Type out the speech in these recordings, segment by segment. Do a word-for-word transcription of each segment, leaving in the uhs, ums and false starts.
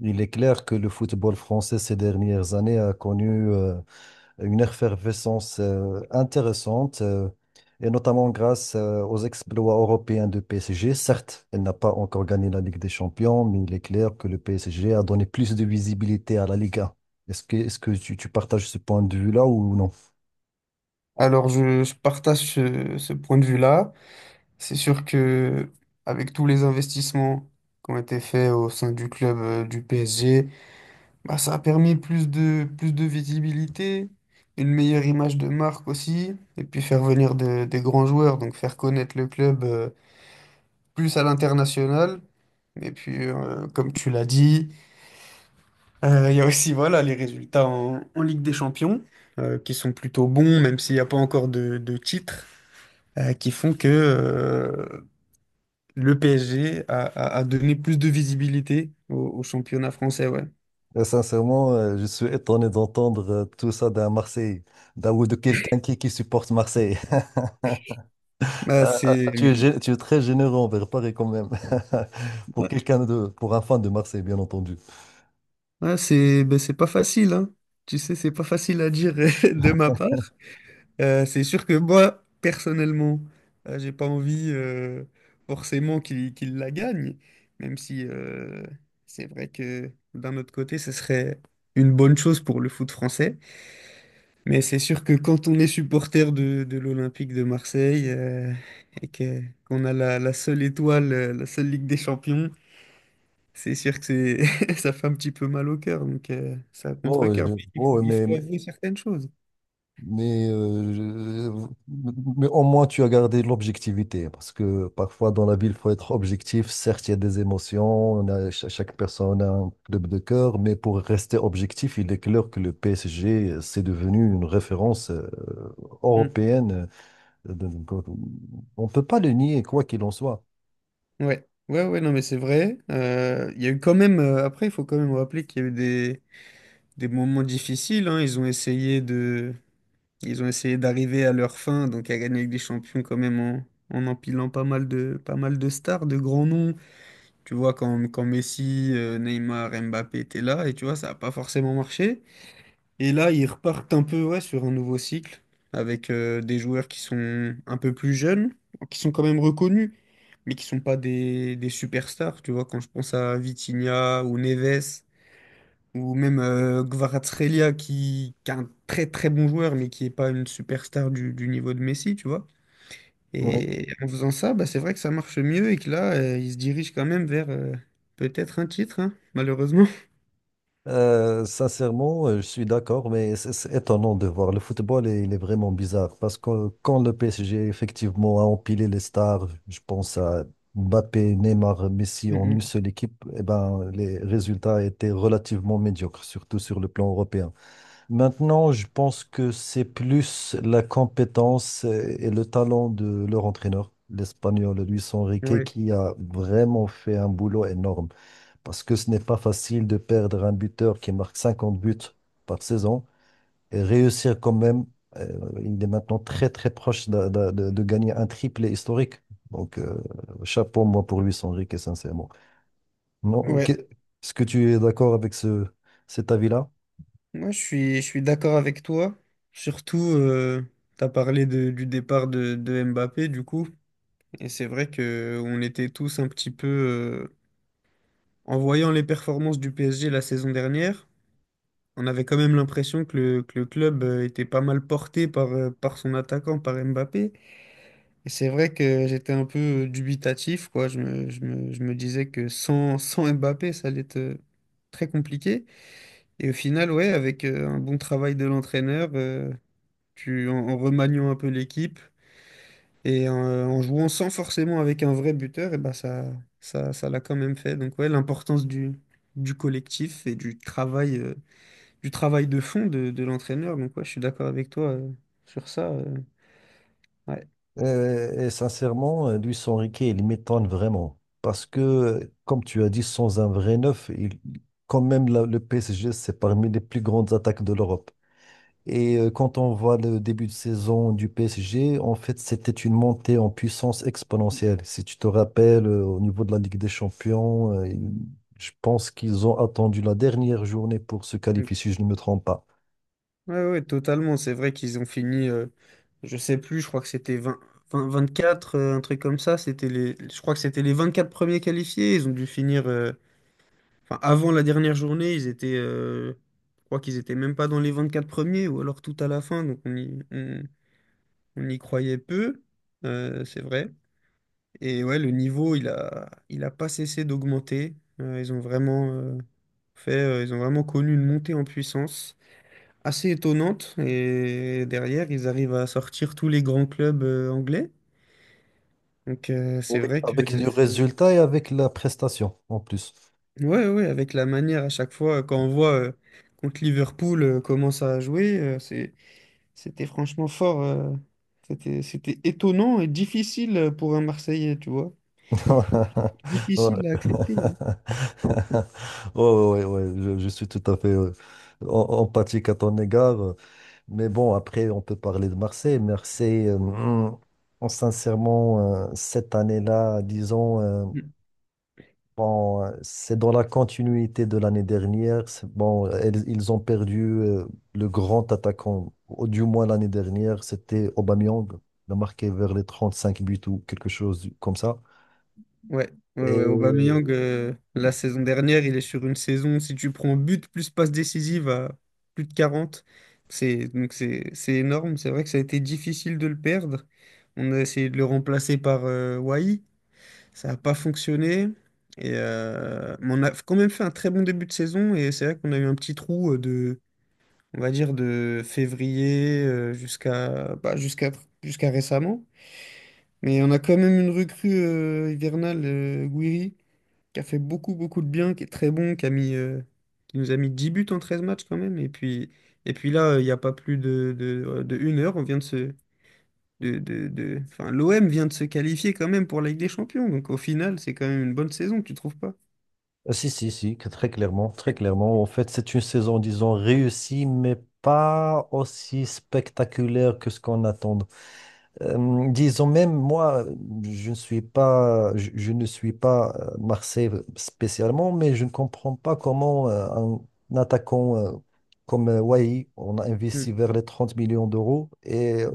Il est clair que le football français ces dernières années a connu euh, une effervescence euh, intéressante, euh, et notamment grâce euh, aux exploits européens de P S G. Certes, elle n'a pas encore gagné la Ligue des Champions, mais il est clair que le P S G a donné plus de visibilité à la Ligue un. Est-ce que, est-ce que tu, tu partages ce point de vue-là ou non? Alors, je, je partage ce, ce point de vue-là. C'est sûr que avec tous les investissements qui ont été faits au sein du club euh, du P S G, bah, ça a permis plus de, plus de visibilité, une meilleure image de marque aussi, et puis faire venir de- des grands joueurs, donc faire connaître le club euh, plus à l'international. Et puis, euh, comme tu l'as dit, euh, il y a aussi voilà, les résultats en, en Ligue des Champions, euh, qui sont plutôt bons, même s'il n'y a pas encore de, de titre, euh, qui font que euh, le P S G a, a- a donné plus de visibilité au, au championnat français, ouais. Euh, Sincèrement, euh, je suis étonné d'entendre euh, tout ça d'un Marseillais, d'un ou de quelqu'un qui, qui supporte Marseille. Bah, Ah, ah, c'est ah, tu es, gé- tu es très généreux envers Paris quand même. Pour ouais. Quelqu'un de, pour un fan de Marseille, bien entendu. Ouais, c'est ben, c'est pas facile, hein. Tu sais, c'est pas facile à dire de ma part. Euh, c'est sûr que moi, personnellement, euh, j'ai pas envie euh, forcément qu'il qu'il la gagne, même si euh, c'est vrai que d'un autre côté, ce serait une bonne chose pour le foot français. Mais c'est sûr que quand on est supporter de, de l'Olympique de Marseille euh, et que, qu'on a la, la seule étoile, euh, la seule Ligue des Champions, c'est sûr que c'est, ça fait un petit peu mal au cœur, donc euh, ça Oh, euh, contre-cœur. je- Mais Il faut, oh, il mais, faut mais, avouer certaines choses. mais, euh, je- Mais au moins tu as gardé l'objectivité. Parce que parfois dans la ville, il faut être objectif. Certes, il y a des émotions, on a, cha- chaque personne a un club de cœur, mais pour rester objectif, il est clair que le P S G, euh, c'est devenu une référence euh, Mm. européenne. Euh, de- de- On ne peut pas le nier, quoi qu'il en soit. Ouais, ouais, ouais, non, mais c'est vrai. Euh, Il y a eu quand même, euh, après, il faut quand même rappeler qu'il y a eu des, des moments difficiles, hein. Ils ont essayé de, ils ont essayé d'arriver à leur fin, donc à gagner avec des champions quand même en, en empilant pas mal de, pas mal de stars, de grands noms. Tu vois, quand, quand Messi, euh, Neymar, Mbappé étaient là, et tu vois, ça n'a pas forcément marché. Et là, ils repartent un peu ouais, sur un nouveau cycle, avec euh, des joueurs qui sont un peu plus jeunes, qui sont quand même reconnus, mais qui sont pas des, des superstars. Tu vois, quand je pense à Vitinha ou Neves, ou même euh, Kvaratskhelia, qui, qui est un très très bon joueur, mais qui n'est pas une superstar du, du niveau de Messi, tu vois. Et en faisant ça, bah, c'est vrai que ça marche mieux et que là, euh, il se dirige quand même vers euh, peut-être un titre, hein, malheureusement. Euh, sincèrement, euh, je suis d'accord, mais c'est c'est étonnant de voir. Le football, est- il est vraiment bizarre parce que quand le P S G effectivement a empilé les stars, je pense à Mbappé, Neymar, Messi en une Mm, seule équipe, eh ben, les résultats étaient relativement médiocres, surtout sur le plan européen. Maintenant, je pense que c'est plus la compétence euh, et le talent de leur entraîneur, l'Espagnol Luis mm. Enrique, Ouais. qui a vraiment fait un boulot énorme parce que ce n'est pas facile de perdre un buteur qui marque cinquante buts par saison et réussir quand même. Euh, il est maintenant très très proche de, de- de- de gagner un triplé historique. Donc euh, chapeau moi pour lui, Enrique, sincèrement. Non, ok. Ouais. Est-ce que tu es d'accord avec ce, Cet avis-là? Moi, je suis, je suis d'accord avec toi. Surtout, tu as parlé de- du départ de, de Mbappé, du coup. Et c'est vrai que on était tous un petit peu euh, en voyant les performances du P S G la saison dernière, on avait quand même l'impression que le, que le club euh, était pas mal porté par, euh, par son attaquant, par Mbappé. Et c'est vrai que j'étais un peu dubitatif, quoi. Je me, je me- je me disais que sans, sans Mbappé, ça allait être euh, très compliqué. Et au final, ouais, avec euh, un bon travail de l'entraîneur, euh, tu, en, en remaniant un peu l'équipe et en, euh, en jouant sans forcément avec un vrai buteur, et ben ça, ça, ça l'a quand même fait. Donc ouais, l'importance du, du collectif et du travail, euh, du travail de fond de, de l'entraîneur. Donc ouais, je suis d'accord avec toi, euh, sur ça. Euh, ouais. Euh, et sincèrement, euh, Luis Enrique, il m'étonne vraiment. Parce que, euh, comme tu as dit, sans un vrai neuf, il- quand même la- le P S G, c'est parmi les plus grandes attaques de l'Europe. Et euh, quand on voit le début de saison du P S G, en fait, c'était une montée en puissance exponentielle. Si tu te rappelles, euh, au niveau de la Ligue des Champions, euh, il- je pense qu'ils ont attendu la dernière journée pour se qualifier, si je ne me trompe pas. Ouais, ouais, totalement. C'est vrai qu'ils ont fini, euh, je sais plus, je crois que c'était vingt vingt vingt-quatre, euh, un truc comme ça. C'était les, je crois que c'était les vingt-quatre premiers qualifiés. Ils ont dû finir, euh, enfin, avant la dernière journée, ils étaient, euh, je crois qu'ils étaient même pas dans les vingt-quatre premiers ou alors tout à la fin. Donc on y, on, on y croyait peu, euh, c'est vrai. Et ouais, le niveau, il a, il a pas cessé d'augmenter. Euh, ils ont vraiment, euh, fait, euh, ils ont vraiment connu une montée en puissance assez étonnante. Et derrière, ils arrivent à sortir tous les grands clubs euh, anglais. Donc euh, c'est Oui. vrai que Avec le c'est- résultat et avec la prestation, en plus. ouais ouais avec la manière à chaque fois quand on voit euh, contre Liverpool euh, comment ça a joué, euh, c'est c'était franchement fort. euh, c'était c'était étonnant et difficile pour un Marseillais, tu vois. Ouais. Difficile à accepter, hein. Ouais, ouais, ouais, je, je suis tout à fait euh, en- empathique à ton égard. euh, Mais bon, après, on peut parler de Marseille. Marseille, euh, hum, en- sincèrement, euh, cette année-là, disons, euh, bon, euh, c'est dans la continuité de l'année dernière. C'est- Bon, elles- ils ont perdu euh, le grand attaquant, au- du moins l'année dernière, c'était Aubameyang. Il a marqué vers les trente-cinq buts ou quelque chose du- comme ça. Ouais, ouais, ouais. Et Aubameyang, euh, la saison dernière, il est sur une saison, si tu prends but plus passe décisive à plus de quarante, c'est donc c'est c'est énorme. C'est vrai que ça a été difficile de le perdre. On a essayé de le remplacer par euh, Wai. Ça n'a pas fonctionné. Et, euh, mais on a quand même fait un très bon début de saison et c'est vrai qu'on a eu un petit trou euh, de, on va dire, de février euh, jusqu'à bah, jusqu'à jusqu'à récemment. Mais on a quand même une recrue euh, hivernale, euh, Guiri qui a fait beaucoup, beaucoup de bien, qui est très bon, qui a mis, euh, qui nous a mis dix buts en treize matchs quand même. Et puis, et puis là, il n'y a pas plus de, de, de une heure, on vient de se... De, de, de... Enfin, l'O M vient de se qualifier quand même pour la Ligue des Champions. Donc au final, c'est quand même une bonne saison, tu trouves pas? ah, si, si, si, que très clairement, très clairement. En fait, c'est une saison, disons, réussie, mais pas aussi spectaculaire que ce qu'on attend. Euh, disons, même moi, je ne suis pas, je, je ne suis pas euh, Marseille spécialement, mais je ne comprends pas comment euh, un attaquant euh, comme euh, Wai, on a Mm. investi vers les trente millions d'euros, et euh,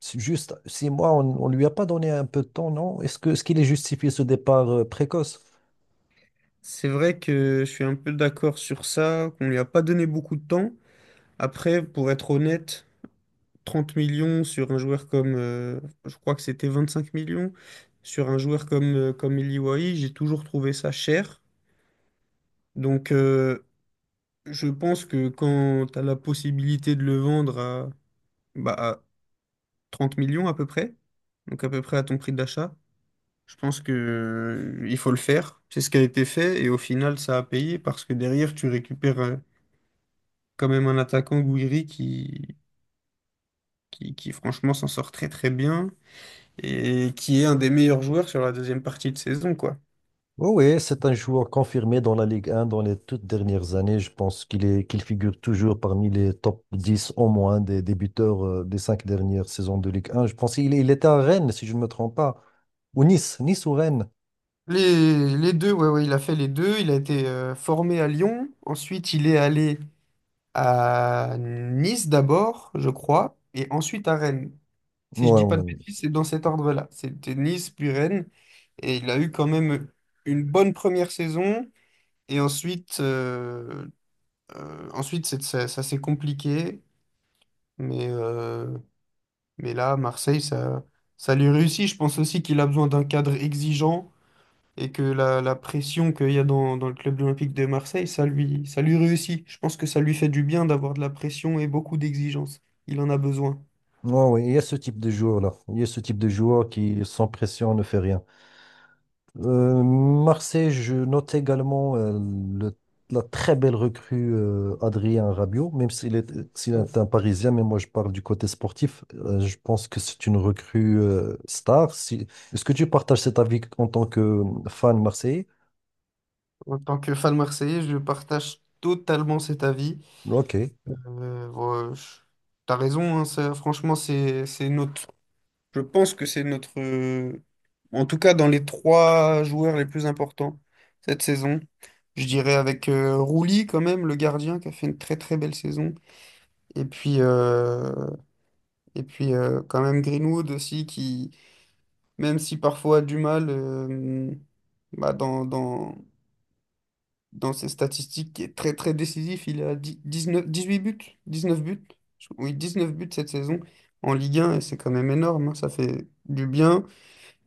c'est juste six mois, on ne lui a pas donné un peu de temps, non? Est-ce que, ce qu'il est justifié ce départ euh, précoce? C'est vrai que je suis un peu d'accord sur ça, qu'on lui a pas donné beaucoup de temps. Après, pour être honnête, trente millions sur un joueur comme... euh, je crois que c'était vingt-cinq millions sur un joueur comme, euh, comme Eli Wahi, j'ai toujours trouvé ça cher. Donc, euh, je pense que quand tu as la possibilité de le vendre à, bah, à trente millions à peu près, donc à peu près à ton prix d'achat, je pense que, euh, il faut le faire. C'est ce qui a été fait et au final, ça a payé parce que derrière, tu récupères euh, quand même un attaquant Gouiri qui, qui, qui franchement s'en sort très très bien et qui est un des meilleurs joueurs sur la deuxième partie de saison, quoi. Oui, oui, c'est un joueur confirmé dans la Ligue un dans les toutes dernières années. Je pense qu'il est, qu'il figure toujours parmi les top dix au moins des, des buteurs euh, des cinq dernières saisons de Ligue un. Je pense qu'il est- Il était à Rennes, si je ne me trompe pas, ou Nice, Nice ou Rennes. Les, les deux, ouais, ouais, il a fait les deux. Il a été euh, formé à Lyon. Ensuite, il est allé à Nice d'abord, je crois, et ensuite à Rennes. Si je Ouais, dis pas ouais. de bêtises, c'est dans cet ordre-là. C'était Nice puis Rennes, et il a eu quand même une bonne première saison, et ensuite, euh, euh, ensuite c'est- ça, ça s'est compliqué, mais, euh, mais là, Marseille, ça, ça lui réussit. Je pense aussi qu'il a besoin d'un cadre exigeant et que la, la pression qu'il y a dans, dans le club Olympique de Marseille, ça lui, ça lui réussit. Je pense que ça lui fait du bien d'avoir de la pression et beaucoup d'exigences. Il en a besoin. Ouais, ouais, ouais, il y a ce type de joueur-là. Il y a ce type de joueur qui, sans pression, ne fait rien. Euh, Marseille, je note également euh, le- la très belle recrue euh, Adrien Rabiot, même s'il est, s'il Ouais. est un Parisien, mais moi je parle du côté sportif. Euh, je pense que c'est une recrue euh, star. Si- Est-ce que tu partages cet avis en tant que euh, fan marseillais? En tant que fan marseillais, je partage totalement cet avis. Ok. Euh, bon, je- t'as raison, hein, ça, franchement, c'est, c'est notre, je pense que c'est notre, euh, en tout cas dans les trois joueurs les plus importants cette saison. Je dirais avec euh, Rouli quand même, le gardien, qui a fait une très très belle saison. Et puis, euh, Et puis euh, quand même Greenwood aussi qui, même si parfois a du mal euh, bah, dans, dans, dans ses statistiques, qui est très très décisif, il a dix- dix-neuf, dix-huit buts, dix-neuf buts, Je- oui, dix-neuf buts cette saison en Ligue un et c'est quand même énorme, hein. Ça fait du bien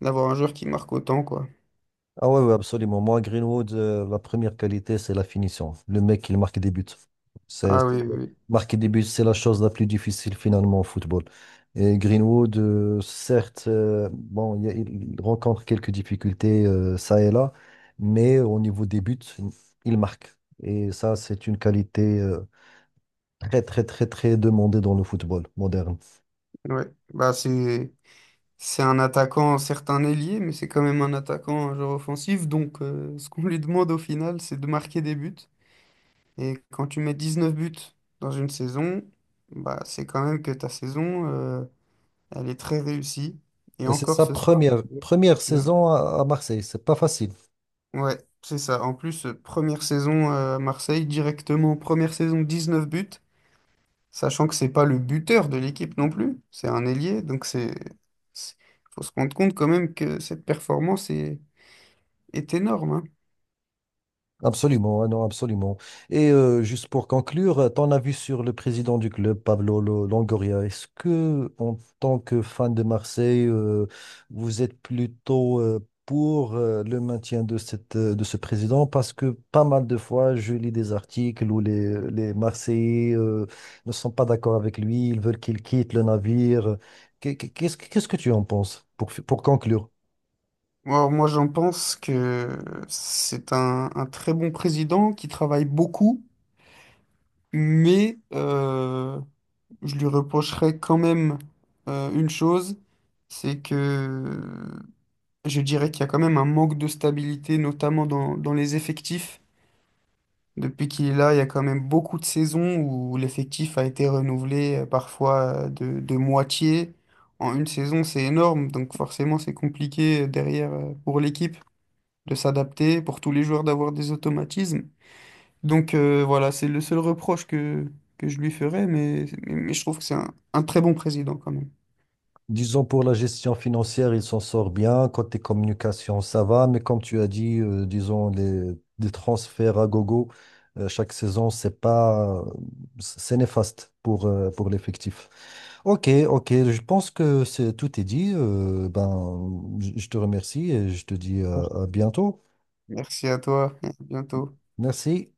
d'avoir un joueur qui marque autant quoi. Ah ouais, ouais, absolument. Moi, Greenwood, euh, la première qualité, c'est la finition. Le mec, il marque des buts. C'est, Ah c'est- oui, oui, Marquer des buts, c'est la chose la plus difficile finalement au football. Et Greenwood, euh, certes, euh, bon, il, y a- il rencontre quelques difficultés euh, ça et là, mais au niveau des buts, il marque. Et ça, c'est une qualité euh, très, très, très, très demandée dans le football moderne. oui. Ouais. Bah, c'est, c'est un attaquant, certes un ailier, mais c'est quand même un attaquant, un joueur offensif, donc euh, ce qu'on lui demande au final, c'est de marquer des buts. Et quand tu mets dix-neuf buts dans une saison, bah, c'est quand même que ta saison, euh, elle est très réussie. Et Et c'est encore sa ce soir. première, première Là. saison à, à Marseille. C'est pas facile. Ouais, c'est ça. En plus, euh, première saison euh, à Marseille, directement, première saison dix-neuf buts, sachant que c'est pas le buteur de l'équipe non plus, c'est un ailier. Donc c'est, c'est- faut se rendre compte quand même que cette performance est, est énorme, hein. Absolument, ah non, absolument. Et euh, juste pour conclure, euh, ton avis sur le président du club, Pablo Lo- Longoria, est-ce que, en tant que fan de Marseille, euh, vous êtes plutôt euh, pour euh, le maintien de cette, euh, de ce président? Parce que pas mal de fois, je lis des articles où les, les Marseillais euh, ne sont pas d'accord avec lui, ils veulent qu'il quitte le navire. Qu'est- Qu'est-ce, qu'est-ce que tu en penses pour, pour conclure? Alors, moi, j'en pense que c'est un, un très bon président qui travaille beaucoup. Mais euh, je lui reprocherais quand même euh, une chose, c'est que je dirais qu'il y a quand même un manque de stabilité, notamment dans, dans les effectifs. Depuis qu'il est là, il y a quand même beaucoup de saisons où l'effectif a été renouvelé euh, parfois euh, de, de moitié. En une saison, c'est énorme, donc forcément c'est compliqué euh, derrière euh, pour l'équipe de s'adapter, pour tous les joueurs d'avoir des automatismes. Donc euh, voilà, c'est le seul reproche que, que je lui ferais, mais, mais, mais je trouve que c'est un un très bon président quand même. Disons pour la gestion financière, il s'en sort bien. Côté communication, ça va. Mais comme tu as dit, euh, disons les, les transferts à gogo euh, chaque saison, c'est pas, c'est néfaste pour, euh, pour l'effectif. Ok, ok. Je pense que c'est, tout est dit. Euh, ben, je je te remercie et je te dis euh, à bientôt. Merci à toi, à bientôt. Merci.